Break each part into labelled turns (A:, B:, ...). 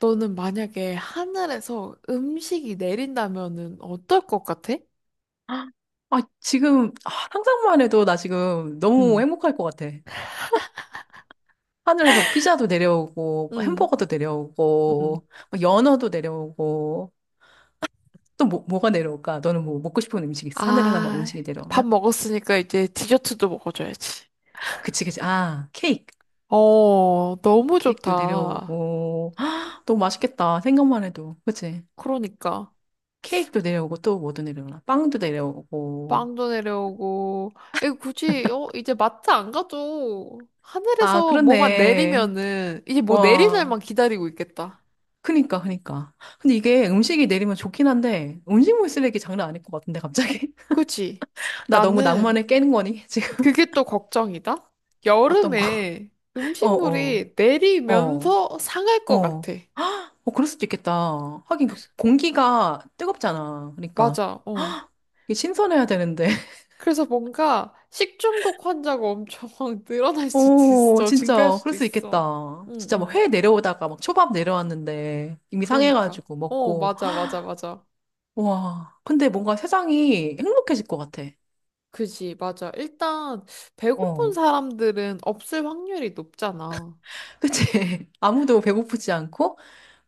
A: 너는 만약에 하늘에서 음식이 내린다면은 어떨 것 같아?
B: 아, 지금 상상만 해도 나 지금 너무
A: 응,
B: 행복할 것 같아. 하늘에서 피자도 내려오고,
A: 응,
B: 햄버거도
A: 응.
B: 내려오고, 뭐 연어도 내려오고, 또 뭐가 내려올까? 너는 뭐 먹고 싶은 음식 있어? 하늘에서 막
A: 아,
B: 음식이
A: 밥
B: 내려오면?
A: 먹었으니까 이제 디저트도 먹어줘야지.
B: 그치, 그치. 아, 케이크.
A: 너무
B: 케이크도
A: 좋다.
B: 내려오고. 헉, 너무 맛있겠다. 생각만 해도. 그치?
A: 그러니까.
B: 케이크도 내려오고, 또 뭐도 내려오나? 빵도 내려오고.
A: 빵도 내려오고. 에 이제 마트 안 가도
B: 아,
A: 하늘에서 뭐만
B: 그렇네.
A: 내리면은 이제 뭐 내릴
B: 와.
A: 날만 기다리고 있겠다.
B: 그니까, 그니까. 근데 이게 음식이 내리면 좋긴 한데, 음식물 쓰레기 장난 아닐 것 같은데, 갑자기?
A: 그치?
B: 나 너무
A: 나는
B: 낭만을 깨는 거니? 지금.
A: 그게 또 걱정이다.
B: 어떤 거?
A: 여름에
B: 어, 어,
A: 음식물이
B: 어,
A: 내리면서 상할 것
B: 어.
A: 같아.
B: 어, 그럴 수도 있겠다. 하긴 그 공기가 뜨겁잖아. 그러니까.
A: 맞아,
B: 이게 신선해야 되는데.
A: 그래서 뭔가 식중독 환자가 엄청 늘어날 수도
B: 오,
A: 있어. 증가할
B: 진짜, 그럴
A: 수도
B: 수
A: 있어.
B: 있겠다.
A: 응,
B: 진짜 막
A: 응.
B: 회 내려오다가 막 초밥 내려왔는데, 이미
A: 그러니까.
B: 상해가지고 먹고.
A: 맞아, 맞아.
B: 와, 근데 뭔가 세상이 행복해질 것 같아.
A: 그지, 맞아. 일단, 배고픈
B: 어.
A: 사람들은 없을 확률이 높잖아.
B: 그치? 아무도 배고프지 않고.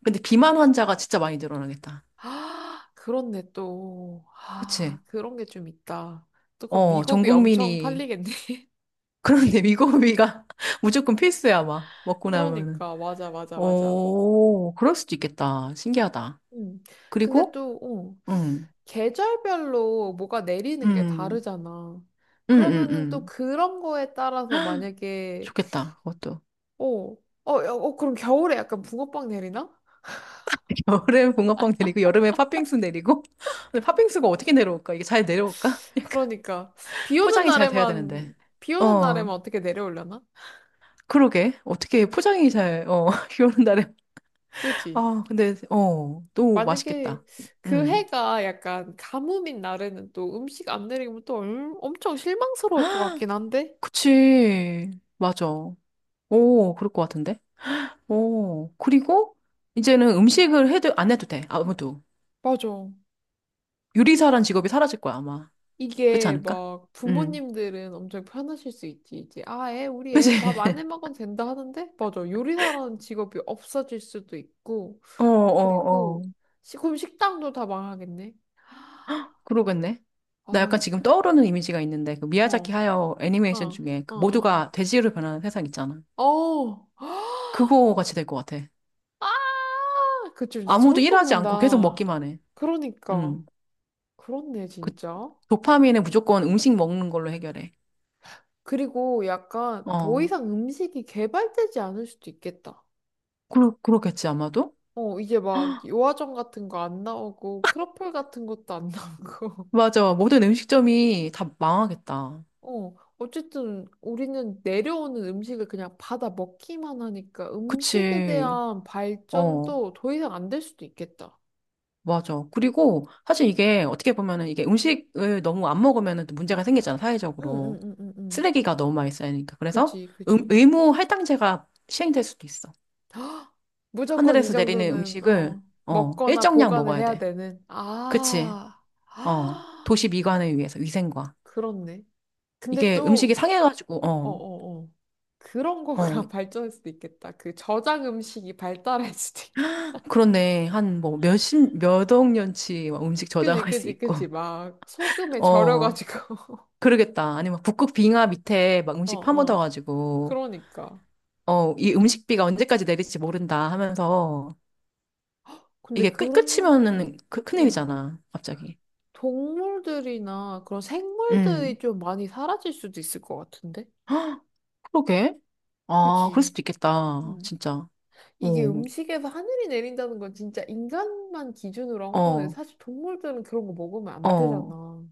B: 근데 비만 환자가 진짜 많이 늘어나겠다.
A: 아, 그렇네, 또.
B: 그치?
A: 아, 그런 게 좀 있다. 또 그럼
B: 어, 전
A: 위고비 엄청
B: 국민이.
A: 팔리겠네.
B: 그런데 미고비가 무조건 필수야, 아마. 먹고 나면은.
A: 그러니까 맞아.
B: 오, 그럴 수도 있겠다. 신기하다.
A: 음. 근데
B: 그리고,
A: 또,
B: 음,
A: 계절별로 뭐가 내리는 게
B: 음,
A: 다르잖아.
B: 음, 음,
A: 그러면은 또
B: 음.
A: 그런 거에 따라서 만약에,
B: 좋겠다, 그것도.
A: 어, 어, 야, 어, 그럼 겨울에 약간 붕어빵 내리나?
B: 여름에 붕어빵 내리고, 여름에 팥빙수 내리고. 근데 팥빙수가 어떻게 내려올까? 이게 잘 내려올까? 약간
A: 그러니까 비 오는
B: 포장이 잘 돼야 되는데.
A: 날에만 비 오는
B: 어,
A: 날에만 어떻게 내려오려나?
B: 그러게. 어떻게 포장이 잘, 어, 비 오는 날에.
A: 그렇지.
B: 아, 근데, 어, 또
A: 만약에
B: 맛있겠다.
A: 그
B: 음.
A: 해가 약간 가뭄인 날에는 또 음식 안 내리면 엄청 실망스러울 것
B: 아,
A: 같긴 한데.
B: 그치. 맞아. 오, 그럴 것 같은데? 오, 그리고 이제는 음식을 해도, 안 해도 돼. 아무도.
A: 맞아.
B: 요리사란 직업이 사라질 거야, 아마. 그렇지
A: 이게
B: 않을까?
A: 막
B: 음.
A: 부모님들은 엄청 편하실 수 있지. 우리
B: 그치?
A: 애 밥 안 해 먹어도 된다 하는데? 맞아. 요리사라는 직업이 없어질 수도 있고.
B: 어, 어, 어.
A: 그리고 그럼 식당도 다 망하겠네.
B: 그러겠네. 나
A: 아,
B: 약간
A: 이제.
B: 지금 떠오르는 이미지가 있는데, 그 미야자키
A: 어,
B: 하야
A: 어,
B: 애니메이션 중에
A: 어,
B: 그
A: 어.
B: 모두가 돼지로 변하는 세상 있잖아.
A: 어. 어.
B: 그거 같이 될 것 같아.
A: 아! 그쵸. 이제
B: 아무도
A: 소름
B: 일하지 않고 계속
A: 돋는다.
B: 먹기만 해.
A: 그러니까.
B: 음.
A: 그렇네,
B: 그
A: 진짜.
B: 도파민은 무조건 음식 먹는 걸로 해결해.
A: 그리고 약간 더
B: 어,
A: 이상 음식이 개발되지 않을 수도 있겠다.
B: 그렇겠지, 아마도?
A: 이제 막 요아정 같은 거 안 나오고 크로플 같은 것도 안 나오고.
B: 맞아. 모든 음식점이 다 망하겠다.
A: 어쨌든 우리는 내려오는 음식을 그냥 받아 먹기만 하니까 음식에
B: 그치.
A: 대한
B: 어,
A: 발전도 더 이상 안 될 수도 있겠다.
B: 맞아. 그리고 사실 이게 어떻게 보면은 이게 음식을 너무 안 먹으면은 또 문제가 생기잖아,
A: 응,
B: 사회적으로.
A: 응, 응, 응, 응.
B: 쓰레기가 너무 많이 쌓이니까. 그래서
A: 그지, 그지.
B: 의무 할당제가 시행될 수도 있어.
A: 무조건 이
B: 하늘에서 내리는
A: 정도는
B: 음식을, 어,
A: 먹거나
B: 일정량
A: 보관을
B: 먹어야
A: 해야
B: 돼.
A: 되는.
B: 그치. 어, 도시 미관을 위해서, 위생과.
A: 그렇네. 근데
B: 이게 음식이
A: 또
B: 상해가지고, 어.
A: 어어어. 그런
B: 어,
A: 거가 발전할 수도 있겠다. 그 저장 음식이 발달할 수도 있겠다.
B: 그렇네. 한 뭐 몇십, 몇억 년치 막 음식
A: 그지,
B: 저장할 수
A: 그지,
B: 있고.
A: 그지. 막 소금에
B: 어,
A: 절여가지고.
B: 그러겠다. 아니면 북극 빙하 밑에 막
A: 어,
B: 음식
A: 어.
B: 파묻어가지고,
A: 그러니까.
B: 어, 이 음식비가 언제까지 내릴지 모른다 하면서,
A: 근데
B: 이게 끝,
A: 그러면은,
B: 끝이면은 그,
A: 음,
B: 큰일이잖아. 갑자기.
A: 동물들이나 그런 생물들이
B: 음.
A: 좀 많이 사라질 수도 있을 것 같은데?
B: 헉, 그러게. 아, 그럴
A: 그지.
B: 수도 있겠다.
A: 음.
B: 진짜.
A: 이게
B: 오,
A: 음식에서 하늘이 내린다는 건 진짜 인간만 기준으로 한 거네.
B: 어,
A: 사실 동물들은 그런 거 먹으면 안
B: 어.
A: 되잖아.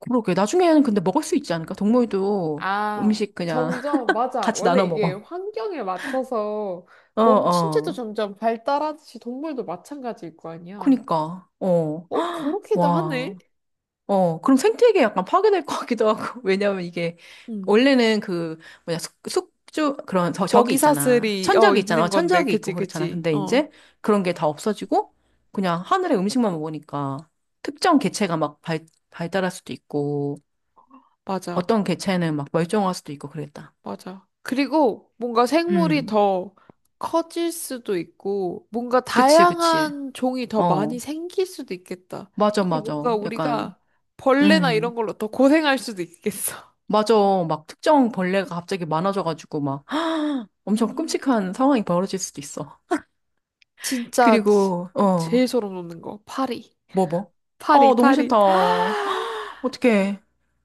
B: 그러게. 나중에는 근데 먹을 수 있지 않을까? 동물도 음식 그냥
A: 점점, 맞아.
B: 같이
A: 원래
B: 나눠
A: 이게
B: 먹어.
A: 환경에 맞춰서
B: 어,
A: 몸 신체도
B: 어.
A: 점점 발달하듯이 동물도 마찬가지일 거 아니야.
B: 그니까. 어.
A: 어, 그렇기도 하네.
B: 와, 어, 그럼 생태계 약간 파괴될 것 같기도 하고, 왜냐면 이게,
A: 응.
B: 원래는 그, 뭐냐, 숙주, 그런, 저, 저기
A: 먹이
B: 있잖아.
A: 사슬이,
B: 천적이 있잖아.
A: 있는
B: 어,
A: 건데.
B: 천적이 있고
A: 그치,
B: 그렇잖아.
A: 그치.
B: 근데
A: 어,
B: 이제 그런 게 다 없어지고, 그냥 하늘의 음식만 먹으니까, 특정 개체가 막 발달할 수도 있고,
A: 맞아.
B: 어떤 개체는 막 멸종할 수도 있고 그랬다.
A: 맞아. 그리고 뭔가 생물이
B: 음,
A: 더 커질 수도 있고, 뭔가
B: 그치, 그치.
A: 다양한 종이 더
B: 어,
A: 많이 생길 수도 있겠다.
B: 맞아,
A: 이게
B: 맞아.
A: 뭔가
B: 약간,
A: 우리가 벌레나 이런
B: 음.
A: 걸로 더 고생할 수도 있겠어.
B: 맞아. 막 특정 벌레가 갑자기 많아져가지고 막 엄청
A: 음.
B: 끔찍한 상황이 벌어질 수도 있어.
A: 진짜
B: 그리고 어,
A: 제일 소름 돋는 거. 파리.
B: 뭐 뭐?
A: 파리,
B: 어, 너무
A: 파리.
B: 싫다. 어떡해.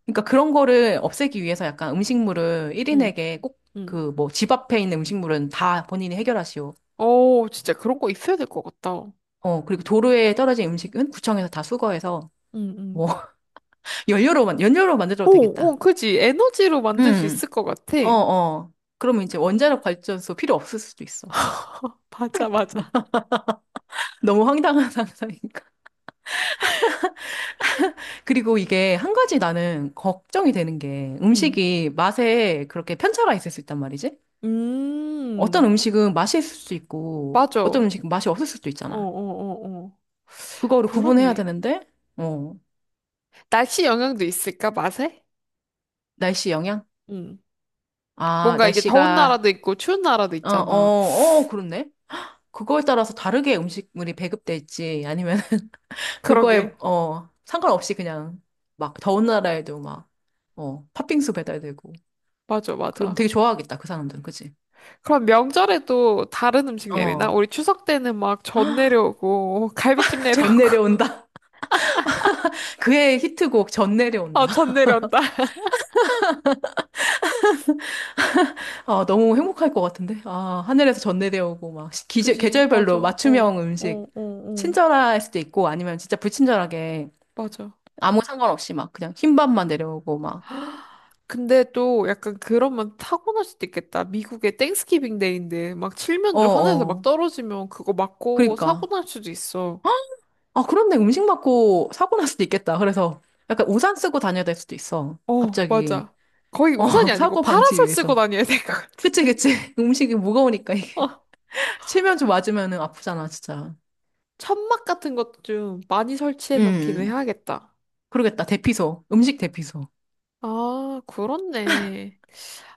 B: 그러니까 그런 거를 없애기 위해서 약간 음식물을
A: 응,
B: 1인에게 꼭,
A: 응.
B: 그 뭐 집 앞에 있는 음식물은 다 본인이 해결하시오.
A: 오, 진짜 그런 거 있어야 될 것 같다.
B: 어, 그리고 도로에 떨어진 음식은 구청에서 다 수거해서
A: 응, 응.
B: 뭐 연료로만 연료로 만들어도 되겠다.
A: 그지. 에너지로 만들 수
B: 음.
A: 있을 것 같아.
B: 어, 어. 그러면 이제 원자력 발전소 필요 없을 수도 있어.
A: 맞아, 맞아.
B: 너무 황당한 상상이. 그리고 이게 한 가지 나는 걱정이 되는 게
A: 응.
B: 음식이 맛에 그렇게 편차가 있을 수 있단 말이지? 어떤
A: 음,
B: 음식은 맛이 있을 수 있고
A: 맞아.
B: 어떤 음식은 맛이 없을 수도
A: 어,
B: 있잖아.
A: 어, 어.
B: 그거를 구분해야
A: 그렇네.
B: 되는데, 어,
A: 날씨 영향도 있을까, 맛에?
B: 날씨 영향?
A: 응.
B: 아,
A: 뭔가 이게 더운
B: 날씨가,
A: 나라도 있고 추운 나라도
B: 어, 어,
A: 있잖아.
B: 어, 그렇네. 그거에 따라서 다르게 음식물이 배급될지 아니면 그거에,
A: 그러게.
B: 어, 상관없이 그냥 막 더운 나라에도 막, 어, 팥빙수 배달되고.
A: 맞아,
B: 그러면
A: 맞아.
B: 되게 좋아하겠다, 그 사람들은. 그치?
A: 그럼 명절에도 다른 음식 내리나?
B: 어.
A: 우리 추석 때는 막 전 내려오고, 갈비찜
B: 전
A: 내려오고,
B: 내려온다. 그의 히트곡 전내려 온다.
A: 전 내려온다.
B: 아, 너무 행복할 것 같은데. 아, 하늘에서 전내려 오고 막 기제,
A: 굳이, 맞아.
B: 계절별로 맞춤형 음식 친절할 수도 있고 아니면 진짜 불친절하게
A: 맞아.
B: 아무 상관없이 막 그냥 흰밥만 내려오고 막.
A: 근데 또 약간 그러면 타고날 수도 있겠다. 미국의 땡스기빙 데이인데, 막
B: 어,
A: 칠면조 하늘에서 막
B: 어.
A: 떨어지면 그거 맞고 사고
B: 그러니까.
A: 날 수도 있어.
B: 아, 그런데 음식 맞고 사고 날 수도 있겠다. 그래서 약간 우산 쓰고 다녀야 될 수도 있어.
A: 어,
B: 갑자기.
A: 맞아. 거의
B: 어,
A: 우산이 아니고
B: 사고 방지
A: 파라솔 쓰고
B: 위해서.
A: 다녀야 될 것
B: 그치,
A: 같은데?
B: 그치. 음식이 무거우니까 이게.
A: 어,
B: 체면 좀 맞으면 아프잖아, 진짜.
A: 천막 같은 것도 좀 많이 설치해 놓기는
B: 음.
A: 해야겠다.
B: 그러겠다. 대피소. 음식 대피소.
A: 아, 그렇네.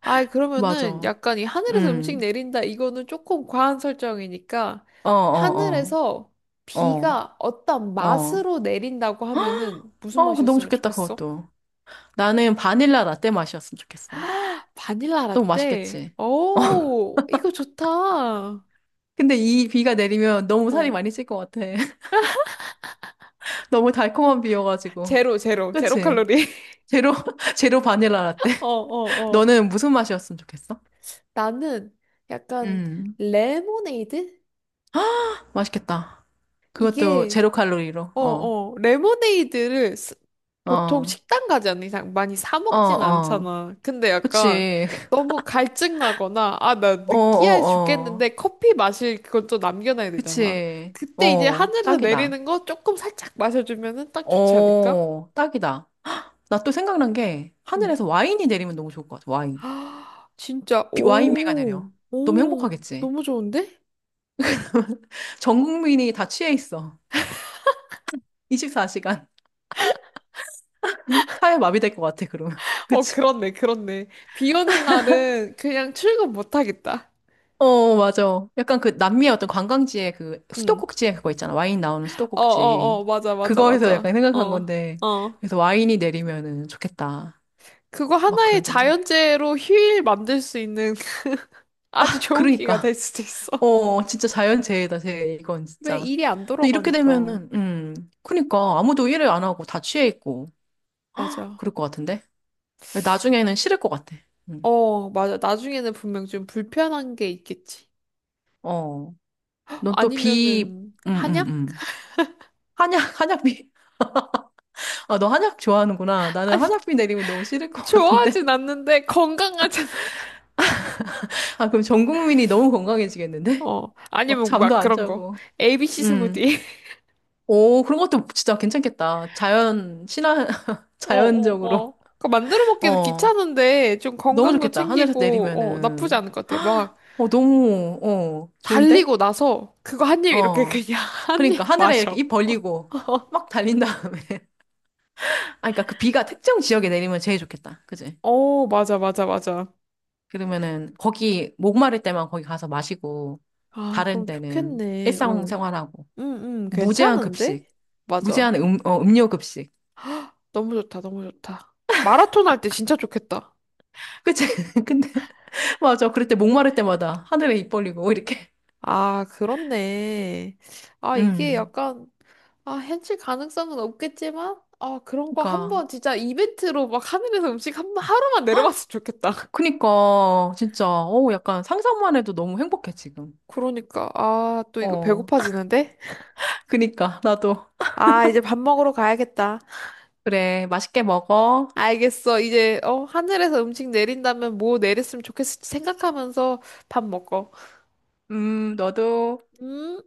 A: 그러면은
B: 맞아.
A: 약간 이 하늘에서 음식
B: 음.
A: 내린다, 이거는 조금 과한 설정이니까,
B: 어, 어,
A: 하늘에서
B: 어.
A: 비가
B: 어,
A: 어떤
B: 어.
A: 맛으로 내린다고 하면은 무슨
B: 어, 그거 너무
A: 맛이었으면
B: 좋겠다,
A: 좋겠어?
B: 그것도. 나는 바닐라 라떼 맛이었으면 좋겠어.
A: 바닐라
B: 너무
A: 라떼.
B: 맛있겠지?
A: 오, 이거 좋다.
B: 근데 이 비가 내리면 너무 살이 많이 찔 것 같아. 너무 달콤한 비여가지고.
A: 제로
B: 그치?
A: 칼로리.
B: 제로, 제로 바닐라 라떼.
A: 어, 어, 어.
B: 너는 무슨 맛이었으면 좋겠어?
A: 나는 약간
B: 음,
A: 레모네이드?
B: 맛있겠다. 그것도
A: 이게
B: 제로 칼로리로. 어,
A: 레모네이드를 보통
B: 어,
A: 식당 가지 않는 이상 많이 사
B: 어,
A: 먹진
B: 어.
A: 않잖아. 근데 약간
B: 그치.
A: 너무 갈증 나거나, 아, 나
B: 어,
A: 느끼해
B: 어, 어.
A: 죽겠는데 커피 마실 그걸 또 남겨놔야 되잖아.
B: 그치.
A: 그때 이제
B: 어,
A: 하늘에서
B: 딱이다.
A: 내리는 거 조금 살짝 마셔주면은 딱 좋지 않을까?
B: 어, 딱이다. 나 또 생각난 게
A: 응.
B: 하늘에서 와인이 내리면 너무 좋을 것 같아. 와인.
A: 아, 진짜,
B: 비- 와인비가 내려. 너무
A: 오,
B: 행복하겠지.
A: 너무 좋은데?
B: 전 국민이 다 취해 있어. 24시간. 사회 마비될 것 같아, 그러면.
A: 어,
B: 그치?
A: 그렇네. 비 오는 날은 그냥 출근 못 하겠다.
B: 어, 맞아. 약간 그 남미의 어떤 관광지에 그
A: 응.
B: 수도꼭지에 그거 있잖아. 와인 나오는 수도꼭지.
A: 맞아, 맞아,
B: 그거에서 약간
A: 맞아.
B: 생각한
A: 어,
B: 건데.
A: 어.
B: 그래서 와인이 내리면은 좋겠다.
A: 그거
B: 막
A: 하나의
B: 그런 생각.
A: 자연재해로 휴일 만들 수 있는 아주 좋은 기회가 될
B: 그러니까.
A: 수도 있어.
B: 어, 진짜 자연재해다, 재해, 이건
A: 그래,
B: 진짜.
A: 일이 안
B: 근데 이렇게
A: 돌아가니까.
B: 되면은, 그니까, 아무도 일을 안 하고 다 취해 있고,
A: 맞아.
B: 그럴 것 같은데? 나중에는 싫을 것 같아. 음.
A: 어, 맞아. 나중에는 분명 좀 불편한 게 있겠지.
B: 어, 넌 또 비,
A: 아니면은,
B: 음, 음,
A: 한약?
B: 음. 한약, 한약비. 아, 너 한약 좋아하는구나. 나는
A: 아니,
B: 한약비 내리면 너무 싫을 것 같은데?
A: 좋아하진 않는데 건강하잖아.
B: 아, 그럼 전 국민이 너무 건강해지겠는데? 막
A: 아니면
B: 잠도
A: 막
B: 안
A: 그런 거.
B: 자고.
A: ABC
B: 음.
A: 스무디.
B: 오, 그런 것도 진짜 괜찮겠다. 자연, 친화,
A: 어, 어,
B: 자연적으로.
A: 어. 그 만들어 먹기도
B: 어.
A: 귀찮은데 좀
B: 너무
A: 건강도
B: 좋겠다. 하늘에서
A: 챙기고, 나쁘지
B: 내리면은.
A: 않을 것 같아. 막
B: 헉! 어, 너무, 어, 좋은데?
A: 달리고 나서 그거 한 입 이렇게
B: 어.
A: 그냥 한
B: 그러니까
A: 입
B: 하늘에 이렇게
A: 마셔.
B: 입 벌리고 막 달린 다음에. 아, 그러니까 그 비가 특정 지역에 내리면 제일 좋겠다. 그지?
A: 어, 맞아, 맞아.
B: 그러면은 거기 목마를 때만 거기 가서 마시고
A: 아,
B: 다른
A: 그럼
B: 때는
A: 좋겠네. 어. 응,
B: 일상생활하고
A: 응,
B: 무제한
A: 괜찮은데?
B: 급식,
A: 맞아.
B: 무제한 어, 음료 급식.
A: 너무 좋다. 마라톤 할 때 진짜 좋겠다.
B: 그치? 근데 맞아. 그럴 때 목마를 때마다 하늘에 입 벌리고 이렇게.
A: 아, 그렇네. 아, 이게
B: 음.
A: 약간, 아, 현실 가능성은 없겠지만, 아, 그런 거
B: 그러니까
A: 한번 진짜 이벤트로 막 하늘에서 음식 한 번, 하루만 내려봤으면 좋겠다.
B: 그니까 진짜 어 약간 상상만 해도 너무 행복해 지금.
A: 그러니까, 아, 또 이거
B: 어.
A: 배고파지는데?
B: 그니까 나도
A: 아, 이제 밥 먹으러 가야겠다.
B: 그래. 맛있게 먹어.
A: 알겠어. 이제 하늘에서 음식 내린다면 뭐 내렸으면 좋겠을지 생각하면서 밥 먹어.
B: 너도.
A: 음.